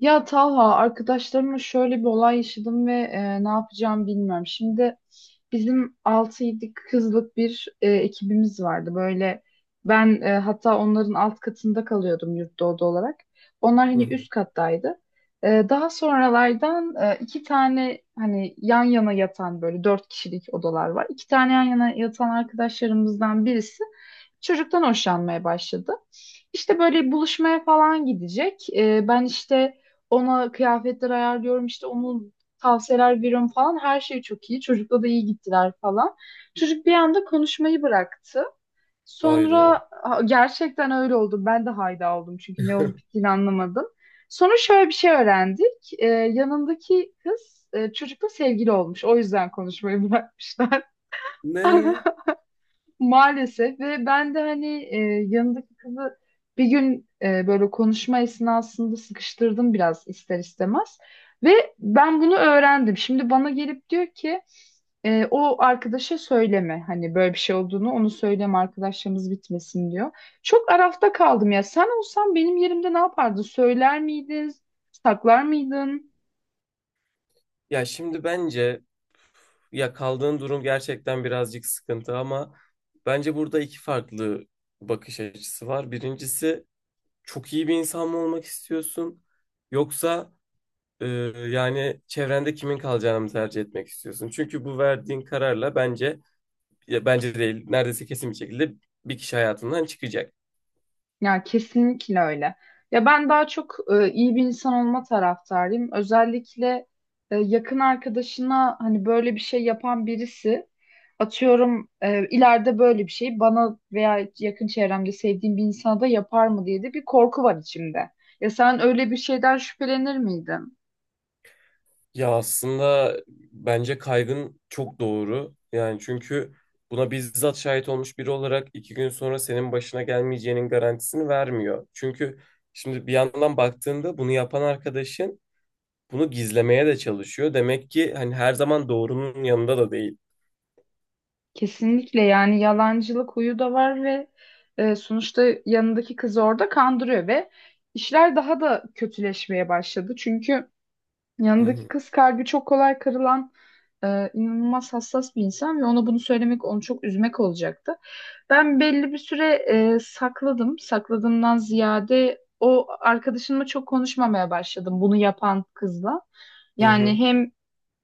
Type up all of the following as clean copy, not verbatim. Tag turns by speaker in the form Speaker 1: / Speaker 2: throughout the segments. Speaker 1: Ya Talha, arkadaşlarımla şöyle bir olay yaşadım ve ne yapacağımı bilmiyorum. Şimdi bizim altı 7 kızlık bir ekibimiz vardı. Böyle ben hatta onların alt katında kalıyordum yurtta oda olarak. Onlar
Speaker 2: Hı
Speaker 1: hani
Speaker 2: hı.
Speaker 1: üst kattaydı. Daha sonralardan iki tane hani yan yana yatan böyle dört kişilik odalar var. İki tane yan yana yatan arkadaşlarımızdan birisi çocuktan hoşlanmaya başladı. İşte böyle buluşmaya falan gidecek. Ben işte ona kıyafetler ayarlıyorum, işte onun tavsiyeler veriyorum falan. Her şey çok iyi. Çocukla da iyi gittiler falan. Çocuk bir anda konuşmayı bıraktı.
Speaker 2: Hayda.
Speaker 1: Sonra gerçekten öyle oldu. Ben de hayda oldum çünkü ne olup bittiğini anlamadım. Sonra şöyle bir şey öğrendik. Yanındaki kız çocukla sevgili olmuş. O yüzden konuşmayı bırakmışlar.
Speaker 2: Ne?
Speaker 1: Maalesef, ve ben de hani yanındaki kızı bir gün böyle konuşma esnasında sıkıştırdım biraz ister istemez. Ve ben bunu öğrendim. Şimdi bana gelip diyor ki o arkadaşa söyleme, hani böyle bir şey olduğunu, onu söyleme, arkadaşlarımız bitmesin diyor. Çok arafta kaldım ya, sen olsan benim yerimde ne yapardın? Söyler miydin? Saklar mıydın?
Speaker 2: Ya şimdi bence, ya kaldığın durum gerçekten birazcık sıkıntı, ama bence burada iki farklı bakış açısı var. Birincisi, çok iyi bir insan mı olmak istiyorsun, yoksa e, yani çevrende kimin kalacağını mı tercih etmek istiyorsun? Çünkü bu verdiğin kararla bence, ya bence değil, neredeyse kesin bir şekilde bir kişi hayatından çıkacak.
Speaker 1: Ya kesinlikle öyle. Ya ben daha çok iyi bir insan olma taraftarıyım. Özellikle yakın arkadaşına hani böyle bir şey yapan birisi, atıyorum, ileride böyle bir şey bana veya yakın çevremde sevdiğim bir insana da yapar mı diye de bir korku var içimde. Ya sen öyle bir şeyden şüphelenir miydin?
Speaker 2: Ya aslında bence kaygın çok doğru. Yani çünkü buna bizzat şahit olmuş biri olarak iki gün sonra senin başına gelmeyeceğinin garantisini vermiyor. Çünkü şimdi bir yandan baktığında bunu yapan arkadaşın bunu gizlemeye de çalışıyor. Demek ki hani her zaman doğrunun yanında da değil.
Speaker 1: Kesinlikle, yani yalancılık huyu da var, ve sonuçta yanındaki kızı orada kandırıyor ve işler daha da kötüleşmeye başladı. Çünkü
Speaker 2: Hı
Speaker 1: yanındaki
Speaker 2: hı,
Speaker 1: kız kalbi çok kolay kırılan, inanılmaz hassas bir insan ve ona bunu söylemek onu çok üzmek olacaktı. Ben belli bir süre sakladım. Sakladığımdan ziyade o arkadaşımla çok konuşmamaya başladım, bunu yapan kızla.
Speaker 2: hı
Speaker 1: Yani
Speaker 2: hı.
Speaker 1: hem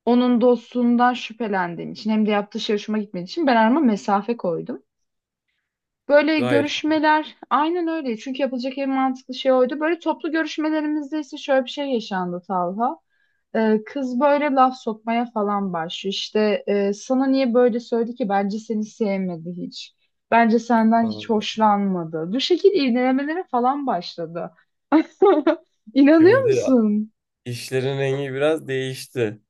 Speaker 1: onun dostluğundan şüphelendiğim için hem de yaptığı şey hoşuma gitmediği için ben arama mesafe koydum. Böyle
Speaker 2: Gayet.
Speaker 1: görüşmeler aynen öyle. Çünkü yapılacak en mantıklı şey oydu. Böyle toplu görüşmelerimizde ise şöyle bir şey yaşandı Talha. Kız böyle laf sokmaya falan başlıyor. İşte sana niye böyle söyledi ki? Bence seni sevmedi hiç. Bence senden hiç hoşlanmadı. Bu şekil iğnelemelere falan başladı. İnanıyor
Speaker 2: Şimdi
Speaker 1: musun?
Speaker 2: işlerin rengi biraz değişti.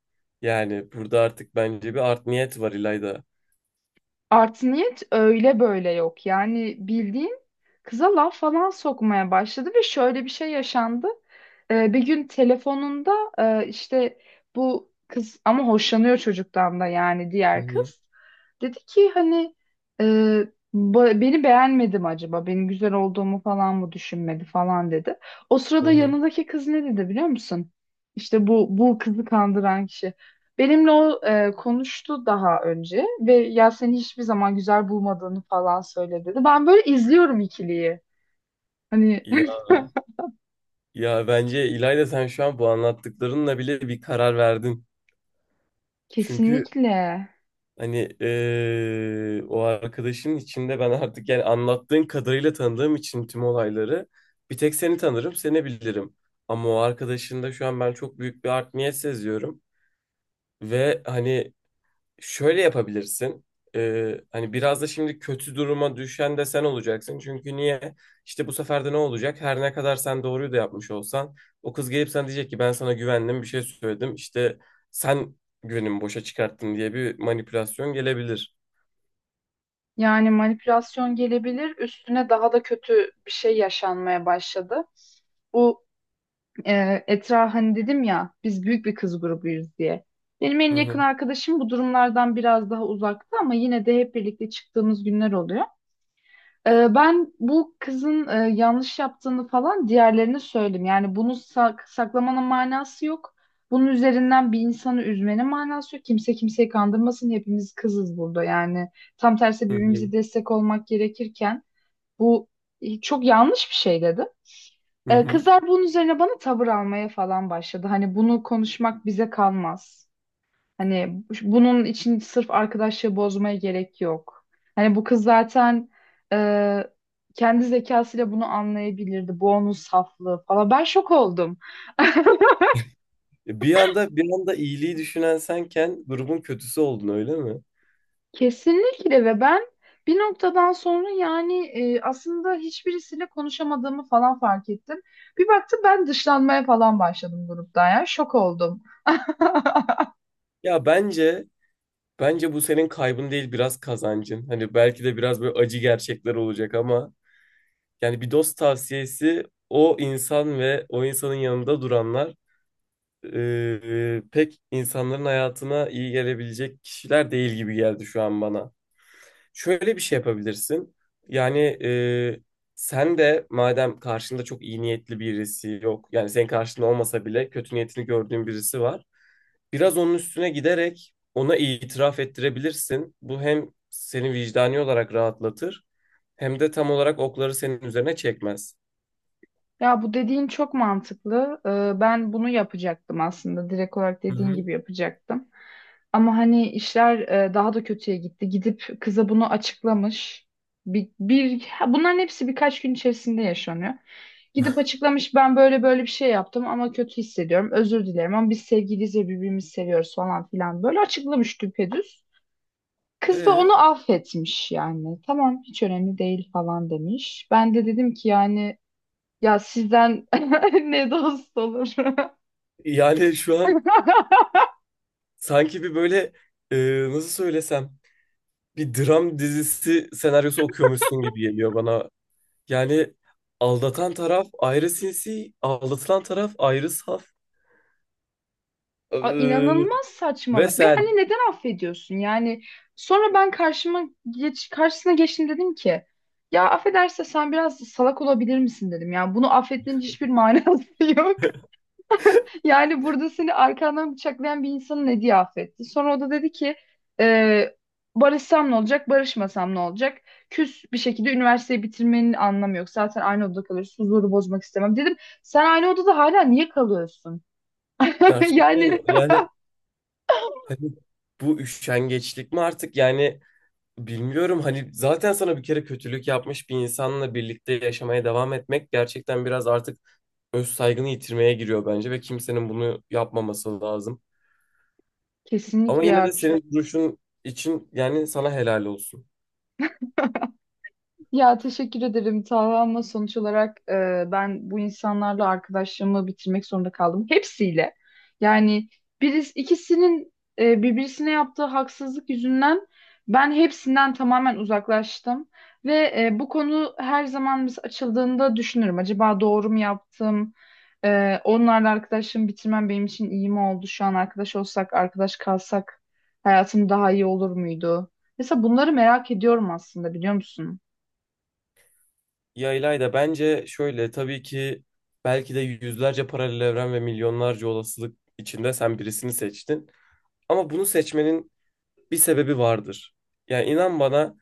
Speaker 2: Yani burada artık bence bir art niyet var, İlayda.
Speaker 1: Artı niyet öyle böyle yok. Yani bildiğin kıza laf falan sokmaya başladı ve şöyle bir şey yaşandı. Bir gün telefonunda işte bu kız ama hoşlanıyor çocuktan da, yani
Speaker 2: Hı
Speaker 1: diğer
Speaker 2: hı,
Speaker 1: kız. Dedi ki hani e, beni beğenmedi mi acaba? Benim güzel olduğumu falan mı düşünmedi falan dedi. O
Speaker 2: hı
Speaker 1: sırada
Speaker 2: hı.
Speaker 1: yanındaki kız ne dedi biliyor musun? İşte bu bu kızı kandıran kişi. Benimle o konuştu daha önce ve ya, seni hiçbir zaman güzel bulmadığını falan söyle dedi. Ben böyle izliyorum ikiliyi. Hani
Speaker 2: İyi. Ya bence, İlayda, sen şu an bu anlattıklarınla bile bir karar verdin. Çünkü
Speaker 1: kesinlikle
Speaker 2: hani o arkadaşın içinde, ben artık, yani anlattığın kadarıyla tanıdığım için tüm olayları, bir tek seni tanırım, seni bilirim. Ama o arkadaşında şu an ben çok büyük bir art niyet seziyorum. Ve hani şöyle yapabilirsin. Hani biraz da şimdi kötü duruma düşen de sen olacaksın. Çünkü niye? İşte bu sefer de ne olacak? Her ne kadar sen doğruyu da yapmış olsan, o kız gelip sana diyecek ki ben sana güvendim, bir şey söyledim. İşte sen güvenimi boşa çıkarttın diye bir manipülasyon gelebilir.
Speaker 1: yani manipülasyon gelebilir, üstüne daha da kötü bir şey yaşanmaya başladı. Bu Etra, hani dedim ya biz büyük bir kız grubuyuz diye. Benim en
Speaker 2: Hı
Speaker 1: yakın
Speaker 2: hı,
Speaker 1: arkadaşım bu durumlardan biraz daha uzakta, ama yine de hep birlikte çıktığımız günler oluyor. Ben bu kızın yanlış yaptığını falan diğerlerine söyledim. Yani bunu saklamanın manası yok. Bunun üzerinden bir insanı üzmenin manası yok. Kimse kimseyi kandırmasın. Hepimiz kızız burada. Yani tam tersi
Speaker 2: hı
Speaker 1: birbirimize
Speaker 2: hı,
Speaker 1: destek olmak gerekirken bu, çok yanlış bir şey dedi.
Speaker 2: hı hı.
Speaker 1: Kızlar bunun üzerine bana tavır almaya falan başladı. Hani bunu konuşmak bize kalmaz. Hani bunun için sırf arkadaşlığı bozmaya gerek yok. Hani bu kız zaten e, kendi zekasıyla bunu anlayabilirdi. Bu onun saflığı falan. Ben şok oldum.
Speaker 2: Bir anda, bir anda iyiliği düşünen senken grubun kötüsü oldun, öyle mi?
Speaker 1: Kesinlikle, ve ben bir noktadan sonra yani, aslında hiçbirisiyle konuşamadığımı falan fark ettim. Bir baktım ben dışlanmaya falan başladım gruptan ya. Şok oldum.
Speaker 2: Ya bence, bence bu senin kaybın değil, biraz kazancın. Hani belki de biraz böyle acı gerçekler olacak, ama yani bir dost tavsiyesi, o insan ve o insanın yanında duranlar pek insanların hayatına iyi gelebilecek kişiler değil gibi geldi şu an bana. Şöyle bir şey yapabilirsin. Yani, sen de madem karşında çok iyi niyetli birisi yok. Yani senin karşında olmasa bile kötü niyetini gördüğün birisi var. Biraz onun üstüne giderek ona itiraf ettirebilirsin. Bu hem seni vicdani olarak rahatlatır, hem de tam olarak okları senin üzerine çekmez.
Speaker 1: Ya bu dediğin çok mantıklı. Ben bunu yapacaktım aslında. Direkt olarak
Speaker 2: Hı
Speaker 1: dediğin
Speaker 2: hı.
Speaker 1: gibi yapacaktım. Ama hani işler daha da kötüye gitti. Gidip kıza bunu açıklamış. Bunların hepsi birkaç gün içerisinde yaşanıyor. Gidip açıklamış, ben böyle böyle bir şey yaptım ama kötü hissediyorum. Özür dilerim ama biz sevgiliyiz ve birbirimizi seviyoruz falan filan. Böyle açıklamış düpedüz. Kız da
Speaker 2: Ee,
Speaker 1: onu affetmiş yani. Tamam hiç önemli değil falan demiş. Ben de dedim ki yani, ya sizden ne dost olur.
Speaker 2: Yani şu an sanki bir böyle, e, nasıl söylesem, bir dram dizisi senaryosu okuyormuşsun gibi geliyor bana. Yani aldatan taraf ayrı sinsi, aldatılan taraf ayrı saf. Ee,
Speaker 1: İnanılmaz
Speaker 2: Ve
Speaker 1: saçmalık ve hani
Speaker 2: sen
Speaker 1: neden affediyorsun? Yani sonra ben karşısına geçtim, dedim ki ya affederse sen, biraz salak olabilir misin dedim. Yani bunu affetmenin hiçbir manası yok. Yani burada seni arkandan bıçaklayan bir insanın ne diye affetti. Sonra o da dedi ki e, barışsam ne olacak, barışmasam ne olacak? Küs bir şekilde üniversiteyi bitirmenin anlamı yok. Zaten aynı odada kalıyoruz. Huzuru bozmak istemem. Dedim sen aynı odada hala niye kalıyorsun?
Speaker 2: gerçekten,
Speaker 1: Yani
Speaker 2: yani hani bu üşengeçlik mi artık, yani bilmiyorum, hani zaten sana bir kere kötülük yapmış bir insanla birlikte yaşamaya devam etmek gerçekten biraz artık öz saygını yitirmeye giriyor bence, ve kimsenin bunu yapmaması lazım. Ama
Speaker 1: kesinlikle
Speaker 2: yine de
Speaker 1: ya.
Speaker 2: senin duruşun için yani sana helal olsun.
Speaker 1: Ya teşekkür ederim Taha, ama sonuç olarak ben bu insanlarla arkadaşlığımı bitirmek zorunda kaldım. Hepsiyle. Yani birisi, ikisinin birbirisine yaptığı haksızlık yüzünden ben hepsinden tamamen uzaklaştım. Ve bu konu her zaman biz açıldığında düşünürüm. Acaba doğru mu yaptım? Onlarla arkadaşlığımı bitirmem benim için iyi mi oldu? Şu an arkadaş olsak, arkadaş kalsak hayatım daha iyi olur muydu? Mesela bunları merak ediyorum aslında, biliyor musun?
Speaker 2: Ya İlayda, bence şöyle, tabii ki belki de yüzlerce paralel evren ve milyonlarca olasılık içinde sen birisini seçtin. Ama bunu seçmenin bir sebebi vardır. Yani inan bana,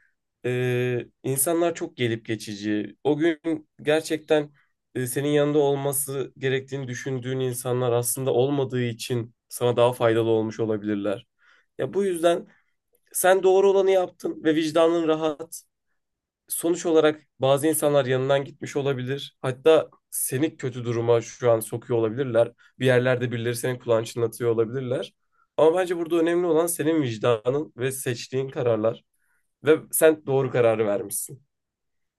Speaker 2: insanlar çok gelip geçici. O gün gerçekten senin yanında olması gerektiğini düşündüğün insanlar aslında olmadığı için sana daha faydalı olmuş olabilirler. Ya bu yüzden sen doğru olanı yaptın ve vicdanın rahat. Sonuç olarak bazı insanlar yanından gitmiş olabilir. Hatta seni kötü duruma şu an sokuyor olabilirler. Bir yerlerde birileri senin kulağını çınlatıyor olabilirler. Ama bence burada önemli olan senin vicdanın ve seçtiğin kararlar. Ve sen doğru kararı vermişsin.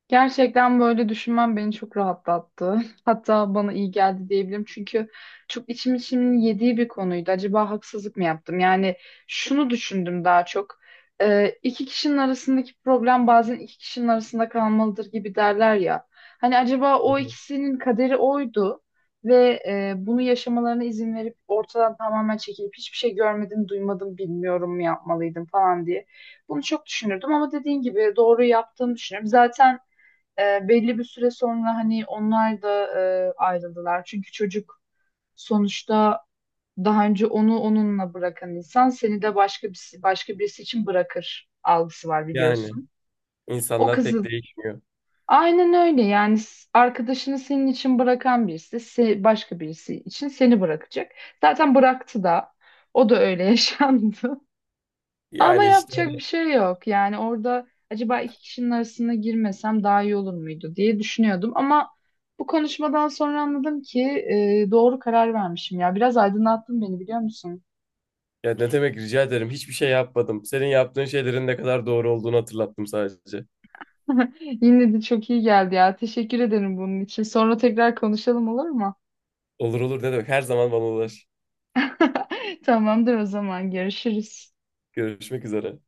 Speaker 1: Gerçekten böyle düşünmem beni çok rahatlattı. Hatta bana iyi geldi diyebilirim. Çünkü çok içim içimin yediği bir konuydu. Acaba haksızlık mı yaptım? Yani şunu düşündüm daha çok. İki kişinin arasındaki problem bazen iki kişinin arasında kalmalıdır gibi derler ya. Hani acaba
Speaker 2: Hı
Speaker 1: o
Speaker 2: hı.
Speaker 1: ikisinin kaderi oydu ve bunu yaşamalarına izin verip ortadan tamamen çekilip hiçbir şey görmedim, duymadım, bilmiyorum mu yapmalıydım falan diye. Bunu çok düşünürdüm ama dediğin gibi doğru yaptığımı düşünüyorum. Zaten belli bir süre sonra hani onlar da ayrıldılar. Çünkü çocuk sonuçta daha önce onu onunla bırakan insan seni de başka birisi için bırakır algısı var
Speaker 2: Yani.
Speaker 1: biliyorsun. O
Speaker 2: İnsanlar pek
Speaker 1: kızın
Speaker 2: değişmiyor.
Speaker 1: aynen öyle yani, arkadaşını senin için bırakan birisi, başka birisi için seni bırakacak. Zaten bıraktı da, o da öyle yaşandı. Ama
Speaker 2: Yani işte
Speaker 1: yapacak bir
Speaker 2: hani,
Speaker 1: şey yok. Yani orada acaba iki kişinin arasına girmesem daha iyi olur muydu diye düşünüyordum. Ama bu konuşmadan sonra anladım ki doğru karar vermişim ya. Biraz aydınlattın beni, biliyor musun?
Speaker 2: ya ne demek, rica ederim, hiçbir şey yapmadım. Senin yaptığın şeylerin ne kadar doğru olduğunu hatırlattım sadece.
Speaker 1: Yine de çok iyi geldi ya. Teşekkür ederim bunun için. Sonra tekrar konuşalım, olur mu?
Speaker 2: Olur, olur, ne demek, her zaman bana ulaş.
Speaker 1: Tamamdır, o zaman görüşürüz.
Speaker 2: Görüşmek üzere.